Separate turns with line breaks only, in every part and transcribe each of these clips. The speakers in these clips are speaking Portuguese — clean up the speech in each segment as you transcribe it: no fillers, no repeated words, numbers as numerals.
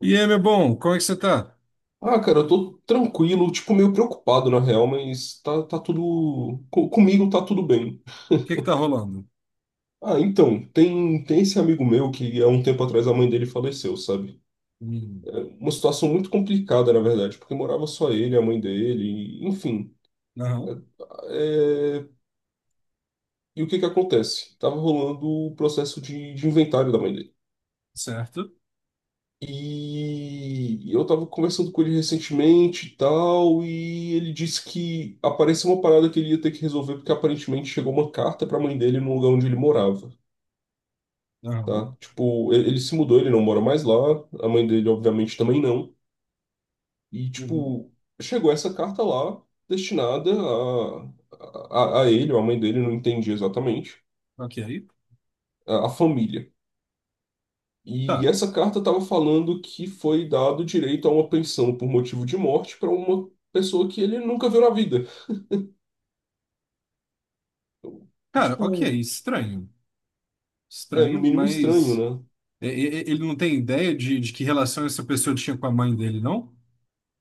E aí, meu bom, como é que você tá?
Ah, cara, eu tô tranquilo, tipo, meio preocupado na real, mas tá tudo. Comigo tá tudo bem.
O que que tá rolando?
Ah, então, tem esse amigo meu que há um tempo atrás a mãe dele faleceu, sabe?
Hum.
É uma situação muito complicada, na verdade, porque morava só ele, a mãe dele, enfim.
Aham,
É, e o que que acontece? Tava rolando o processo de inventário da mãe dele.
certo.
E eu tava conversando com ele recentemente e tal, e ele disse que apareceu uma parada que ele ia ter que resolver, porque aparentemente chegou uma carta pra mãe dele no lugar onde ele morava,
Aham,
tá? Tipo, ele se mudou, ele não mora mais lá, a mãe dele obviamente também não. E,
uhum,
tipo, chegou essa carta lá, destinada a ele, ou a mãe dele, não entendi exatamente,
ok.
a família. E
Tá.
essa carta estava falando que foi dado direito a uma pensão por motivo de morte para uma pessoa que ele nunca viu na vida.
Cara, ok,
Tipo,
estranho.
é no
Estranho,
mínimo
mas
estranho, né?
ele não tem ideia de que relação essa pessoa tinha com a mãe dele, não?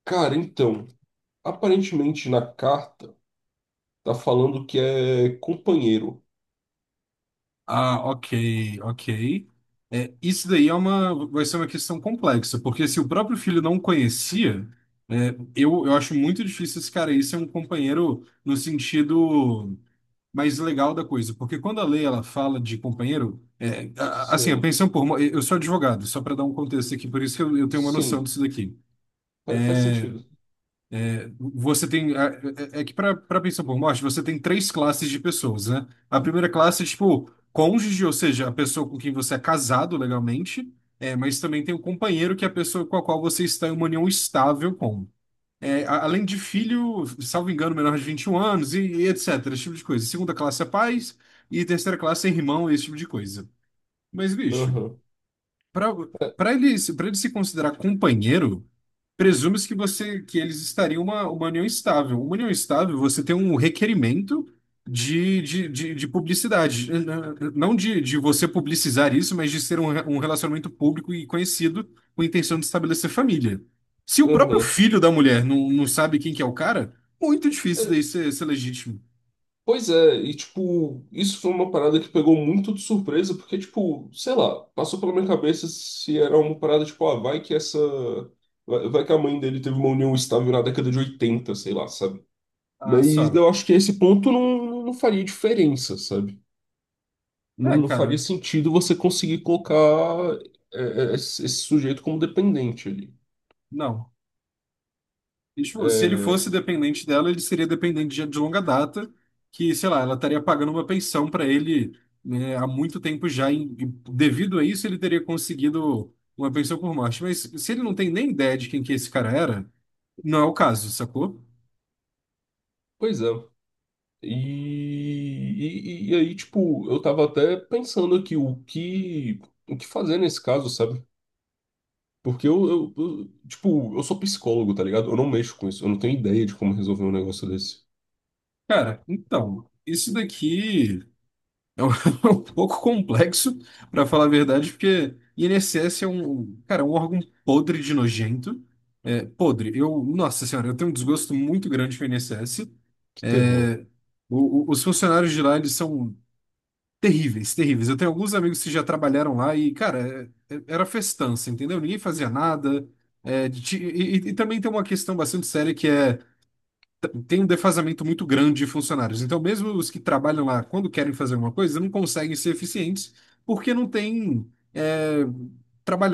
Cara, então, aparentemente na carta tá falando que é companheiro.
Ah, ok, ok. É, isso daí é uma, vai ser uma questão complexa, porque se o próprio filho não conhecia, é, eu acho muito difícil esse cara aí ser um companheiro no sentido mais legal da coisa, porque quando a lei ela fala de companheiro, é, assim, a
Sei.
pensão por morte, eu sou advogado, só para dar um contexto aqui, por isso que eu tenho uma noção
Sim,
disso daqui.
faz sentido.
Você tem, é, é que para pensão por morte, você tem três classes de pessoas, né? A primeira classe é tipo cônjuge, ou seja, a pessoa com quem você é casado legalmente, é, mas também tem o companheiro, que é a pessoa com a qual você está em uma união estável com. É, além de filho, salvo engano, menor de 21 anos e etc. Esse tipo de coisa. Segunda classe é pais e terceira classe é irmão, esse tipo de coisa. Mas, bicho,
Aham,
pra, pra ele se considerar companheiro. Presume-se que você que eles estariam uma união estável. Uma união estável, você tem um requerimento de publicidade. Não de você publicizar isso, mas de ser um relacionamento público e conhecido com a intenção de estabelecer família. Se o próprio
aham.
filho da mulher não sabe quem que é o cara, muito difícil daí
É,
ser, ser legítimo.
pois é, e tipo, isso foi uma parada que pegou muito de surpresa, porque, tipo, sei lá, passou pela minha cabeça se era uma parada, tipo, ah, vai que essa. Vai que a mãe dele teve uma união estável na década de 80 sei lá, sabe?
Ah,
Mas
só.
eu acho que esse ponto não faria diferença, sabe?
É,
Não faria
cara,
sentido você conseguir colocar esse sujeito como dependente ali.
não. E, tipo, se ele
É,
fosse dependente dela, ele seria dependente de longa data, que, sei lá, ela estaria pagando uma pensão para ele, né, há muito tempo já, e devido a isso ele teria conseguido uma pensão por morte. Mas se ele não tem nem ideia de quem que esse cara era, não é o caso, sacou?
pois é. E aí, tipo, eu tava até pensando aqui o que fazer nesse caso, sabe? Porque tipo, eu sou psicólogo, tá ligado? Eu não mexo com isso, eu não tenho ideia de como resolver um negócio desse.
Cara, então, isso daqui é um, um pouco complexo, para falar a verdade, porque INSS é um, cara, é um órgão podre de nojento. É, podre. Eu, nossa senhora, eu tenho um desgosto muito grande com o INSS.
Que terror.
Os funcionários de lá, eles são terríveis, terríveis. Eu tenho alguns amigos que já trabalharam lá e, cara, era festança, entendeu? Ninguém fazia nada. É, e, e também tem uma questão bastante séria que é, tem um defasamento muito grande de funcionários. Então, mesmo os que trabalham lá, quando querem fazer alguma coisa, não conseguem ser eficientes porque não tem, é,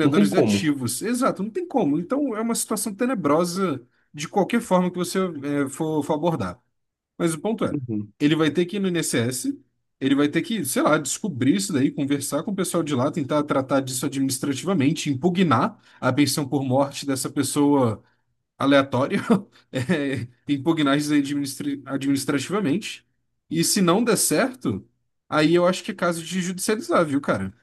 Não tem como.
ativos. Exato, não tem como. Então, é uma situação tenebrosa de qualquer forma que você, é, for abordar. Mas o ponto é,
Uhum.
ele vai ter que ir no INSS, ele vai ter que, sei lá, descobrir isso daí, conversar com o pessoal de lá, tentar tratar disso administrativamente, impugnar a pensão por morte dessa pessoa aleatória, é, impugnar isso aí administrativamente. E se não der certo, aí eu acho que é caso de judicializar, viu, cara?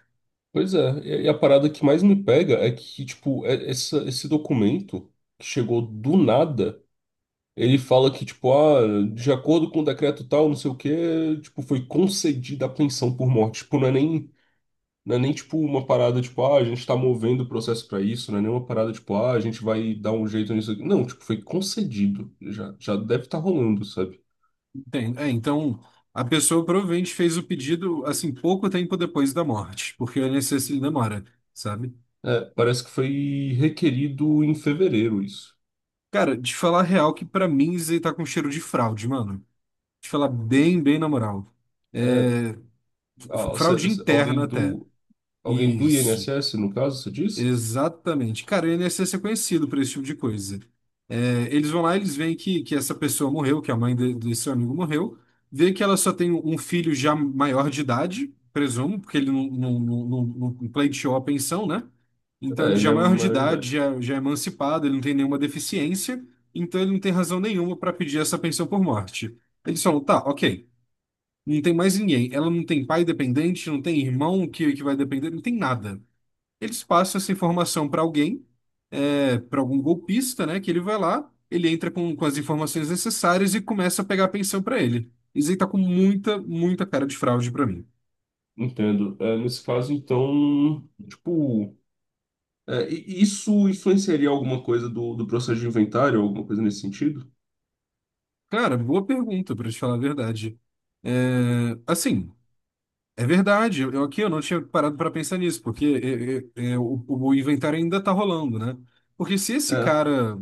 Pois é, e a parada que mais me pega é que, tipo, essa, esse documento que chegou do nada, ele fala que, tipo, ah, de acordo com o decreto tal, não sei o quê, tipo, foi concedida a pensão por morte. Tipo, não é nem. Não é nem tipo uma parada tipo, ah, a gente tá movendo o processo pra isso, não é nem uma parada tipo, ah, a gente vai dar um jeito nisso aqui. Não, tipo, foi concedido. Já deve estar rolando, sabe?
É, então, a pessoa provavelmente fez o pedido, assim, pouco tempo depois da morte, porque o INSS ele demora, sabe?
É, parece que foi requerido em fevereiro isso.
Cara, de falar a real que pra mim isso aí tá com cheiro de fraude, mano. De falar bem, bem na moral.
É,
É, fraude interna
alguém
até.
alguém do
Isso.
INSS, no caso, você diz?
Exatamente. Cara, o INSS é conhecido por esse tipo de coisa. É, eles vão lá, eles veem que essa pessoa morreu, que a mãe desse seu amigo morreu, vê que ela só tem um filho já maior de idade, presumo, porque ele não pleiteou a pensão, né? Então
É,
ele já
ele
é
é
maior de
maior de
idade,
idade.
já é emancipado, ele não tem nenhuma deficiência, então ele não tem razão nenhuma para pedir essa pensão por morte. Eles falam, tá, ok, não tem mais ninguém. Ela não tem pai dependente, não tem irmão que vai depender, não tem nada. Eles passam essa informação para alguém, é, para algum golpista, né? Que ele vai lá, ele entra com as informações necessárias e começa a pegar a pensão para ele. Isso aí tá com muita, muita cara de fraude para mim.
Entendo. É, nesse caso, então, tipo, é, isso influenciaria alguma coisa do processo de inventário, alguma coisa nesse sentido?
Cara, boa pergunta, para te falar a verdade. É, assim, é verdade. Eu aqui eu não tinha parado para pensar nisso, porque o inventário ainda tá rolando, né? Porque se esse
É.
cara,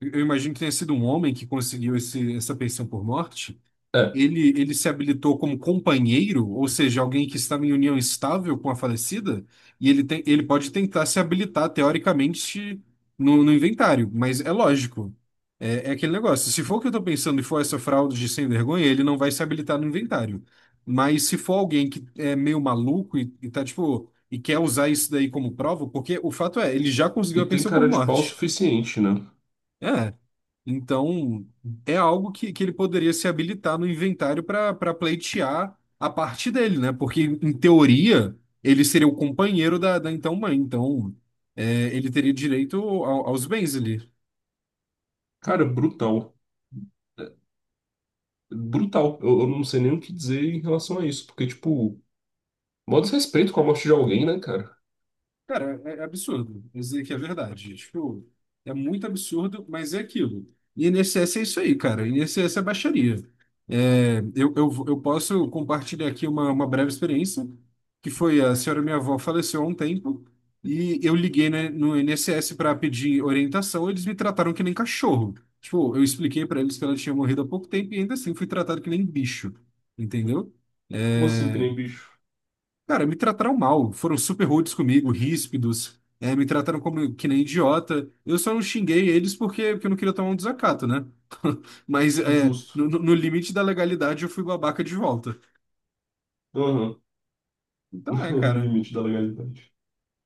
eu imagino que tenha sido um homem que conseguiu esse, essa pensão por morte.
É,
Ele se habilitou como companheiro, ou seja, alguém que estava em união estável com a falecida, e ele, tem, ele pode tentar se habilitar teoricamente no inventário, mas é lógico. É, é aquele negócio. Se for o que eu estou pensando e for essa fraude de sem vergonha, ele não vai se habilitar no inventário. Mas se for alguém que é meio maluco e tá tipo, e quer usar isso daí como prova, porque o fato é, ele já conseguiu
E
a
tem
pensão por
cara de pau o
morte.
suficiente, né?
É. Então, é algo que ele poderia se habilitar no inventário para pleitear a parte dele, né? Porque, em teoria, ele seria o companheiro da então mãe. Então, é, ele teria direito aos bens ali.
Cara, brutal. É, brutal. Eu não sei nem o que dizer em relação a isso, porque, tipo, mó desrespeito com a morte de alguém, né, cara?
Cara, é, é absurdo. Vou dizer que é verdade. Tipo, é muito absurdo, mas é aquilo. E INSS é isso aí, cara. INSS é baixaria. É, eu posso compartilhar aqui uma breve experiência, que foi a senhora minha avó faleceu há um tempo, e eu liguei, né, no INSS para pedir orientação, e eles me trataram que nem cachorro. Tipo, eu expliquei para eles que ela tinha morrido há pouco tempo e ainda assim fui tratado que nem bicho, entendeu?
Como assim que nem
É,
bicho?
cara, me trataram mal, foram super rudes comigo, ríspidos, é, me trataram como que nem idiota. Eu só não xinguei eles porque eu não queria tomar um desacato, né? Mas é,
Justo.
no limite da legalidade eu fui babaca de volta.
Aham.
Então é,
No
cara,
limite da legalidade.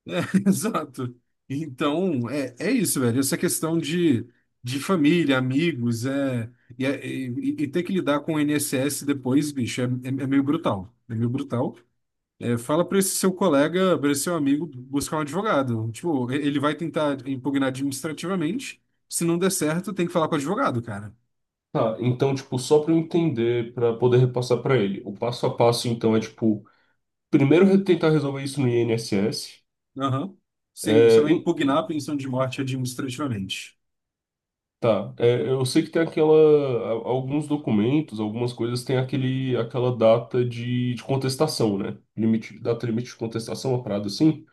exato. Então é, é isso, velho. Essa questão de família, amigos, é, e, e ter que lidar com o INSS depois, bicho, é, é meio brutal. É meio brutal. É, fala para esse seu colega, para esse seu amigo buscar um advogado. Tipo, ele vai tentar impugnar administrativamente. Se não der certo, tem que falar com o advogado, cara.
Tá, então, tipo, só pra eu entender, pra poder repassar pra ele, o passo a passo, então, é, tipo, primeiro tentar resolver isso no INSS.
Aham. Sim, você vai impugnar a pensão de morte administrativamente.
Tá, é, eu sei que tem aquela, alguns documentos, algumas coisas tem aquele, aquela data de contestação, né? Limite, data limite de contestação, uma parada assim.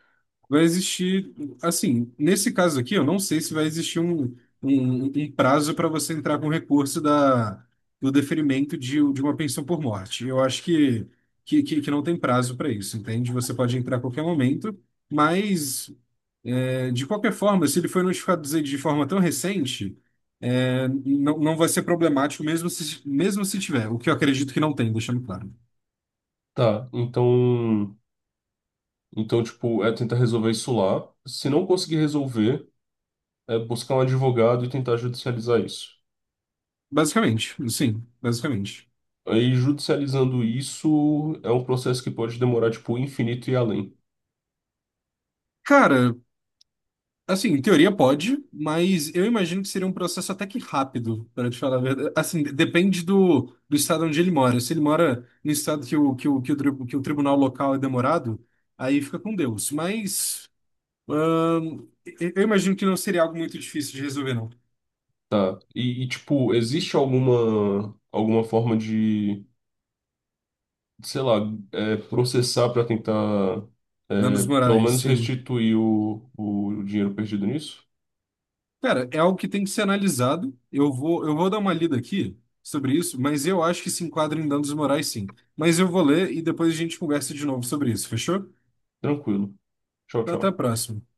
Vai existir, assim, nesse caso aqui, eu não sei se vai existir um prazo para você entrar com recurso da, do deferimento de uma pensão por morte. Eu acho que não tem prazo para isso, entende? Você pode entrar a qualquer momento. Mas é, de qualquer forma, se ele foi notificado de forma tão recente, é, não vai ser problemático mesmo se tiver, o que eu acredito que não tem, deixando claro.
Tá, então, então, tipo, é tentar resolver isso lá. Se não conseguir resolver, é buscar um advogado e tentar judicializar isso.
Basicamente, sim, basicamente.
Aí, judicializando isso, é um processo que pode demorar, tipo, infinito e além.
Cara, assim, em teoria pode, mas eu imagino que seria um processo até que rápido, para te falar a verdade. Assim, depende do estado onde ele mora. Se ele mora no estado que que o tribunal local é demorado, aí fica com Deus. Mas, eu imagino que não seria algo muito difícil de resolver, não.
Tá, e tipo, existe alguma, alguma forma de sei lá, é, processar para tentar, é,
Danos
pelo
morais,
menos
sim.
restituir o dinheiro perdido nisso?
Cara, é algo que tem que ser analisado. Eu vou dar uma lida aqui sobre isso, mas eu acho que se enquadra em danos morais, sim. Mas eu vou ler e depois a gente conversa de novo sobre isso, fechou?
Tranquilo. Tchau,
Então, até a
tchau.
próxima.